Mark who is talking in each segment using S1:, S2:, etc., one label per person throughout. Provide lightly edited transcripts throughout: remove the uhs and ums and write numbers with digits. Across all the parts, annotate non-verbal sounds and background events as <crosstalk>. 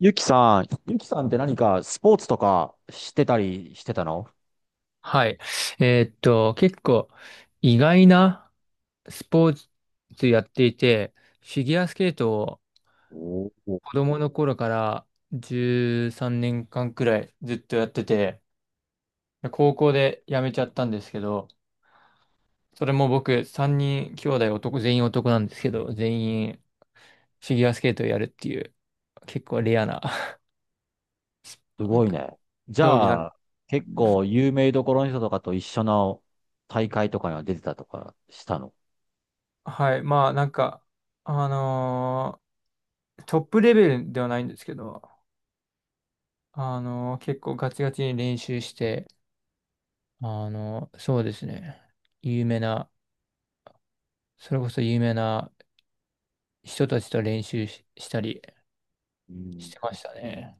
S1: ゆきさん、ゆきさんって何かスポーツとかしてたりしてたの？
S2: はい。結構意外なスポーツやっていて、フィギュアスケートを
S1: おー、
S2: 子供の頃から13年間くらいずっとやってて、高校で辞めちゃったんですけど、それも僕3人兄弟男、全員男なんですけど、全員フィギュアスケートをやるっていう結構レアな
S1: す
S2: <laughs> なん
S1: ごい
S2: か
S1: ね。じ
S2: 競技な
S1: ゃ
S2: ん。
S1: あ、結構有名どころの人とかと一緒の大会とかには出てたとかしたの？
S2: はい。まあなんか、あのトップレベルではないんですけど、結構ガチガチに練習して、そうですね。有名な、それこそ有名な人たちと練習し、したり
S1: う
S2: し
S1: ん。
S2: てましたね。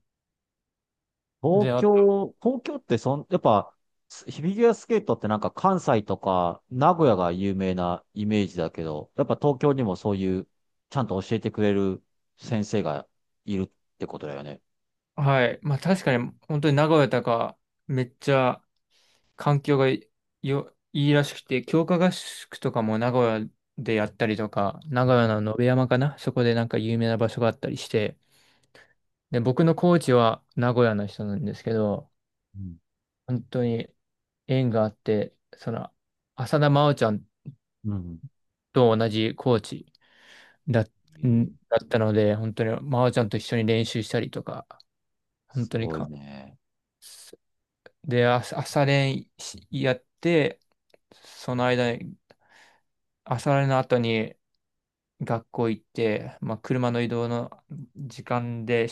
S2: で、
S1: 東
S2: あと、
S1: 京、東京ってやっぱ、フィギュアスケートってなんか関西とか名古屋が有名なイメージだけど、やっぱ東京にもそういう、ちゃんと教えてくれる先生がいるってことだよね。
S2: はい。まあ確かに、本当に名古屋とか、めっちゃ環境がいよ、いいらしくて、強化合宿とかも名古屋でやったりとか、名古
S1: う
S2: 屋の野辺山かな、そこでなんか有名な場所があったりして、で、僕のコーチは名古屋の人なんですけど、
S1: ん。
S2: 本当に縁があって、浅田真央ちゃん
S1: うん。
S2: と同じコーチだ、
S1: う
S2: ん
S1: ん。
S2: だったので、本当に真央ちゃんと一緒に練習したりとか、本
S1: す
S2: 当に
S1: ごい
S2: か、
S1: ね。
S2: で、朝練しやって、その間に、朝練の後に学校行って、まあ、車の移動の時間で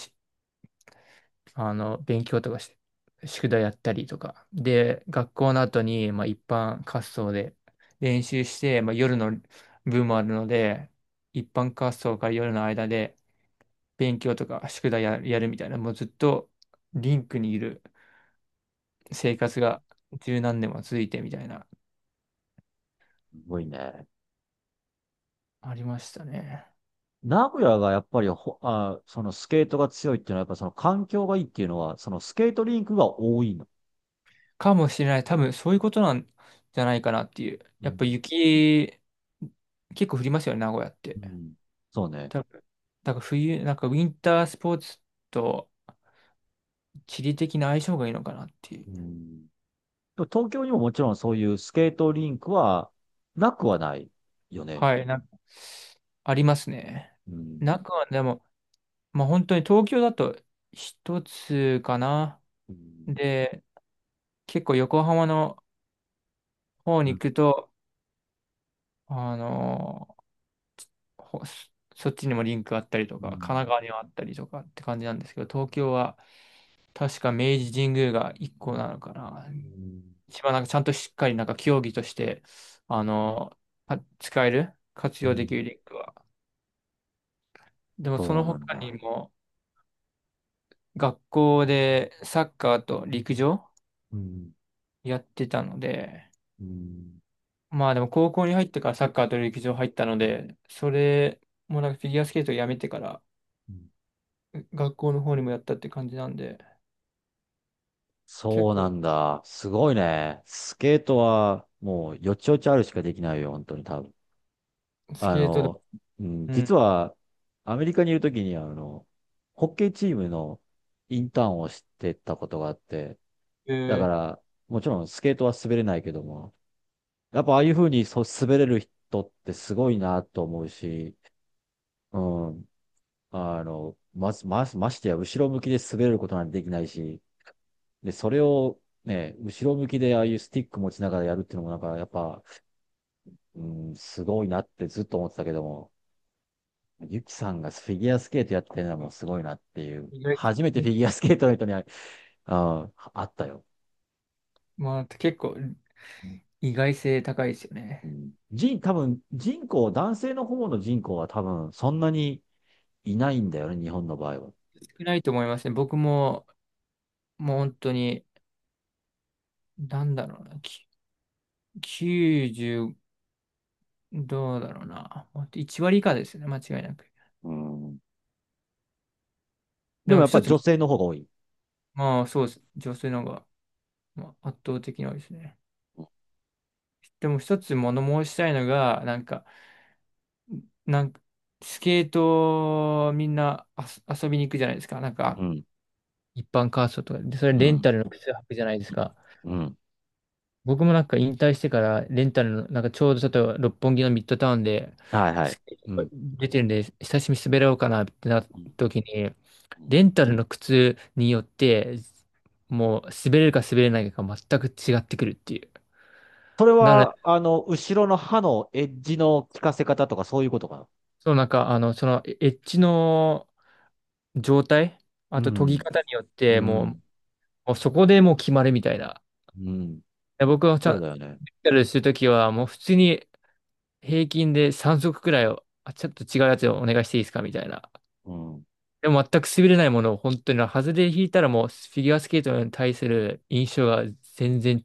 S2: 勉強とかして、宿題やったりとか。で、学校の後に、まあ、一般滑走で練習して、まあ、夜の部もあるので、一般滑走から夜の間で勉強とか宿題やるみたいな、もうずっとリンクにいる生活が十何年も続いてみたいな、
S1: すごいね。
S2: ありましたね。
S1: 名古屋がやっぱりあ、そのスケートが強いっていうのは、やっぱその環境がいいっていうのは、そのスケートリンクが多いの？
S2: かもしれない。多分そういうことなんじゃないかなっていう。
S1: う
S2: やっ
S1: ん。
S2: ぱ雪、結構降りますよね、名古屋っ
S1: う
S2: て。
S1: ん。そうね。
S2: だから冬、なんかウィンタースポーツと地理的な相性がいいのかなっていう。
S1: うん。でも東京にももちろんそういうスケートリンクはなくはないよね。
S2: はい、なんか、ありますね。
S1: うん。
S2: 中はでも、まあ本当に東京だと一つかな。
S1: うん。
S2: で、結構横浜の方
S1: う
S2: に
S1: ん。
S2: 行くと、あのーほそそっちにもリンクあったりと
S1: う
S2: か、神奈
S1: ん。
S2: 川にはあったりとかって感じなんですけど、東京は確か明治神宮が一個なのかな。
S1: うん。
S2: 一番なんかちゃんとしっかりなんか競技として、あの、使える、活
S1: う
S2: 用でき
S1: ん。
S2: るリンクは。でもそ
S1: そう
S2: の
S1: なん
S2: 他に
S1: だ。
S2: も学校でサッカーと陸上
S1: うん。
S2: やってたので、
S1: うん。
S2: まあでも高校に入ってからサッカーと陸上入ったので、それもなんかフィギュアスケートをやめてから
S1: うん。
S2: 学校の方にもやったって感じなんで、結
S1: そうな
S2: 構
S1: んだ。すごいね。スケートはもうよちよちあるしかできないよ、本当に多分。
S2: ス
S1: あ
S2: ケートだ、
S1: の、うん、
S2: うん、
S1: 実はアメリカにいるときにホッケーチームのインターンをしてたことがあって、
S2: え
S1: だか
S2: ー、
S1: らもちろんスケートは滑れないけども、やっぱああいうふうにそう滑れる人ってすごいなと思うし、うん、まず、ましてや後ろ向きで滑れることなんてできないし、で、それをね、後ろ向きでああいうスティック持ちながらやるっていうのもなんかやっぱ、うん、すごいなってずっと思ってたけども、ゆきさんがフィギュアスケートやってるのもすごいなっていう、
S2: 意外性
S1: 初めてフ
S2: ね、
S1: ィギュアスケートの人にあ、ああったよ。
S2: まあ結構意外性高いですよ
S1: う
S2: ね。
S1: ん、多分人口、男性の方の人口は多分そんなにいないんだよね、日本の場合は。
S2: 少ないと思いますね。僕ももう本当になんだろうな、90、どうだろうな。1割以下ですよね、間違いなく。
S1: うん。で
S2: で
S1: も
S2: も
S1: やっぱ
S2: 一
S1: り
S2: つ、
S1: 女性の方が多い。
S2: まあそうです。女性の方が、まあ、圧倒的に多いですね。でも一つ物申したいのが、なんかスケートみんな遊びに行くじゃないですか。なん
S1: う
S2: か、
S1: ん、
S2: 一般カーストとかで、それ
S1: う
S2: レン
S1: ん、
S2: タルの靴履くじゃないですか。
S1: うん。
S2: 僕もなんか引退してからレンタルの、なんかちょうどちょっと六本木のミッドタウンで、
S1: はいはい。
S2: す
S1: うん。
S2: 出てるんで、久しぶりに滑ろうかなってなっ
S1: う
S2: た
S1: ん
S2: 時に、
S1: うん、
S2: レンタルの靴によって、もう滑れるか滑れないかが全く違ってくるっていう。
S1: それ
S2: なので、
S1: は、後ろの歯のエッジの効かせ方とかそういうことかな？
S2: そうなんか、そのエッジの状態、
S1: う
S2: あと研ぎ
S1: ん、
S2: 方によっ
S1: う
S2: て、もう、
S1: ん、
S2: もうそこでもう決まるみたいな。
S1: うん。
S2: で僕はちゃん
S1: そう
S2: レン
S1: だよね。
S2: タルするときは、もう普通に平均で3足くらいを、ちょっと違うやつをお願いしていいですかみたいな。
S1: うん。
S2: でも全く滑れないものを本当に、外れ引いたらもうフィギュアスケートに対する印象が全然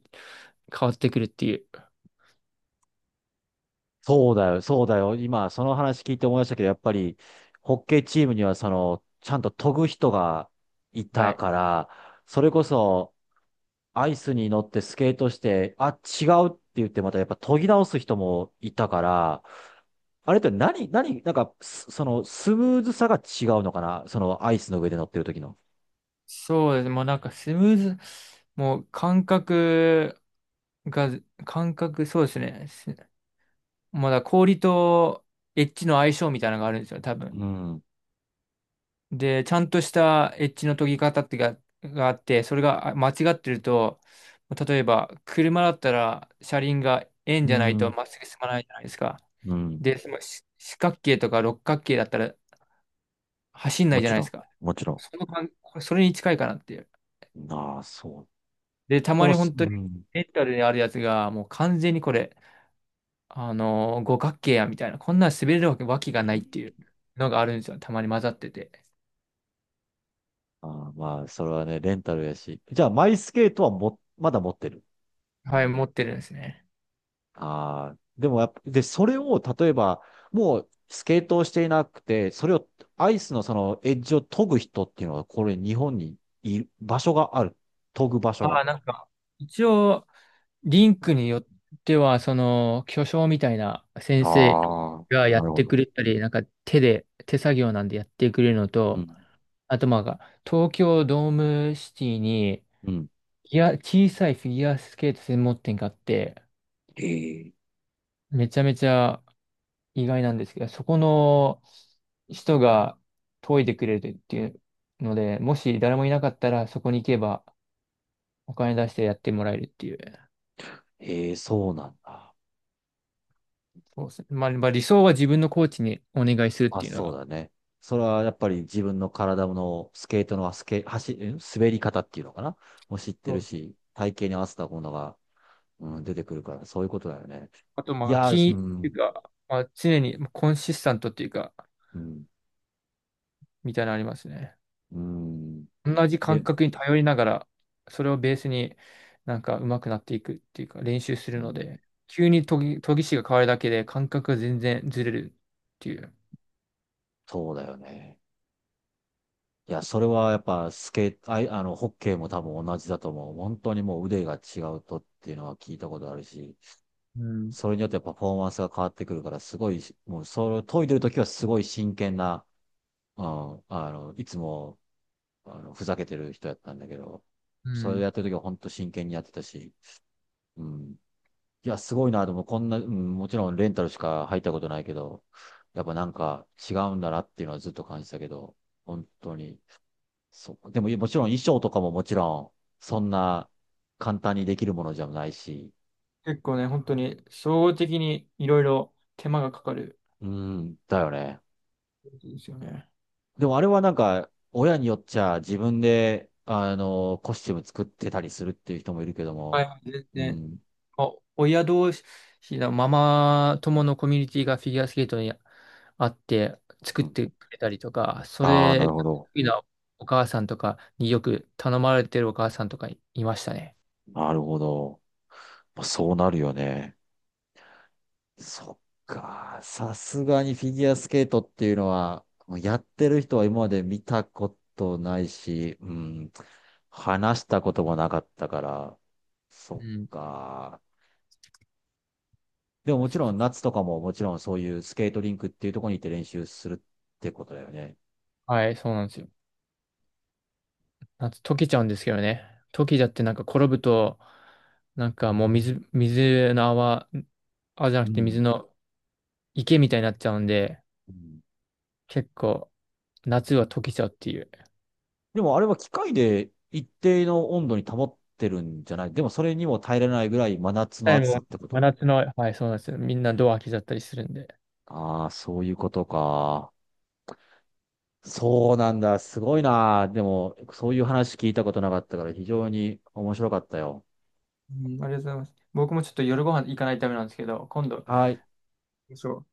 S2: 変わってくるっていう。
S1: そうだよ、そうだよ。今、その話聞いて思いましたけど、やっぱり、ホッケーチームには、その、ちゃんと研ぐ人がい
S2: は
S1: た
S2: い。
S1: から、それこそ、アイスに乗ってスケートして、あ、違うって言って、またやっぱ研ぎ直す人もいたから、あれってなんか、すその、スムーズさが違うのかな、その、アイスの上で乗ってる時の。
S2: そうです。もうなんかスムーズ、もう感覚が、感覚、そうですね。まだ氷とエッジの相性みたいなのがあるんですよ、多分。
S1: うん。
S2: で、ちゃんとしたエッジの研ぎ方ってがあって、それが間違ってると、例えば車だったら車輪が円じ
S1: う
S2: ゃないと
S1: ん、
S2: まっすぐ進まないじゃないですか。
S1: うん、
S2: で、その四角形とか六角形だったら走んな
S1: も
S2: いじゃ
S1: ち
S2: ない
S1: ろ
S2: で
S1: ん、
S2: すか。
S1: もちろ
S2: その感れそれに近いかなっていう。
S1: ん。ああ、そう。
S2: で、た
S1: で
S2: ま
S1: も、
S2: に本
S1: う
S2: 当に
S1: ん。
S2: メンタルであるやつがもう完全にこれ、五角形やみたいな、こんなん滑れるわけがないっていうのがあるんですよ。たまに混ざってて。
S1: ああ、まあ、それはね、レンタルやし。じゃあ、マイスケートはまだ持ってる？
S2: はい、持ってるんですね。
S1: ああ、でもやっぱ、で、それを、例えば、もう、スケートをしていなくて、それを、アイスのその、エッジを研ぐ人っていうのは、これ、日本にいる、場所がある？研ぐ場所
S2: あ
S1: が？
S2: あ、なんか、一応、リンクによっては、巨匠みたいな先
S1: あ
S2: 生
S1: あ、
S2: がや
S1: な
S2: っ
S1: るほ
S2: てく
S1: ど。
S2: れたり、なんか手作業なんでやってくれるの
S1: う
S2: と、
S1: ん。
S2: あとまあ、東京ドームシティに、
S1: うん。
S2: いや、小さいフィギュアスケート専門店があって、
S1: ええ、
S2: めちゃめちゃ意外なんですけど、そこの人が研いでくれるっていうので、もし誰もいなかったら、そこに行けばお金出してやってもらえるっていう。
S1: ええ、そうなんだ。
S2: そうですね。まあ理想は自分のコーチにお願いするっ
S1: まあ
S2: ていうの
S1: そう
S2: が。
S1: だね。それはやっぱり自分の体のスケートのスケ、走、ん滑り方っていうのかな、もう知って
S2: そ
S1: る
S2: う
S1: し、体型に合わせたものが、うん、出てくるから、そういうことだよね。
S2: あと、
S1: い
S2: まあ、
S1: やー、
S2: 金
S1: う
S2: ってい
S1: ん、
S2: うか、まあ、常にコンシスタントっていうか、
S1: うん、
S2: みたいなのありますね。
S1: うん。
S2: 同じ感
S1: で、
S2: 覚に頼りながら、それをベースになんか上手くなっていくっていうか、練習す
S1: う
S2: るの
S1: ん、
S2: で、急に研ぎ師が変わるだけで感覚が全然ずれるっていう。
S1: そうだよね。いや、それはやっぱスケート、ホッケーも多分同じだと思う。本当にもう腕が違うとっていうのは聞いたことあるし、
S2: うん。
S1: それによってパフォーマンスが変わってくるから、すごい、もうそれを研いでるときはすごい真剣な、うん、いつも、ふざけてる人やったんだけど、
S2: う
S1: それ
S2: ん。
S1: やってる時は本当真剣にやってたし、うん。いや、すごいな、でもこんな、うん、もちろんレンタルしか入ったことないけど、やっぱなんか違うんだなっていうのはずっと感じたけど、本当に、そう。でも、もちろん衣装とかももちろん、そんな簡単にできるものじゃないし、
S2: 結構ね、本当に、総合的にいろいろ手間がかかる
S1: うん、だよね。
S2: んですよね。
S1: でもあれはなんか、親によっちゃ自分で、コスチューム作ってたりするっていう人もいるけど
S2: は
S1: も、
S2: い、全
S1: う
S2: 然。
S1: ん、
S2: 親同士のママ友のコミュニティがフィギュアスケートにあって作
S1: う
S2: っ
S1: ん。
S2: てくれたりとか、そ
S1: ああ、な
S2: れ
S1: るほ
S2: が
S1: ど。
S2: 得意なお母さんとかによく頼まれてるお母さんとかいましたね。
S1: なるほど。まあ、そうなるよね。そっか。さすがにフィギュアスケートっていうのは、もうやってる人は今まで見たことないし、うん、話したこともなかったから、そ
S2: う
S1: っ
S2: ん。
S1: か。でももちろん
S2: そ
S1: 夏とかももちろんそういうスケートリンクっていうところに行って練習するってことだよね。
S2: はい、そうなんですよ。溶けちゃうんですけどね。溶けちゃってなんか転ぶと、なんかもう水の泡、泡じゃな
S1: う
S2: くて水
S1: ん。
S2: の池みたいになっちゃうんで、
S1: うん。
S2: 結構夏は溶けちゃうっていう。
S1: でもあれは機械で一定の温度に保ってるんじゃない？でもそれにも耐えられないぐらい真夏の
S2: はい、
S1: 暑
S2: も
S1: さっ
S2: う
S1: てこ
S2: 真
S1: と？
S2: 夏の、はい、そうなんですよ。みんなドア開けちゃったりするんで。
S1: ああー、そういうことか。そうなんだ。すごいな。でも、そういう話聞いたことなかったから非常に面白かったよ。
S2: うん、ありがとうございます。僕もちょっと夜ご飯行かないためなんですけど、今度、
S1: はい。
S2: そう。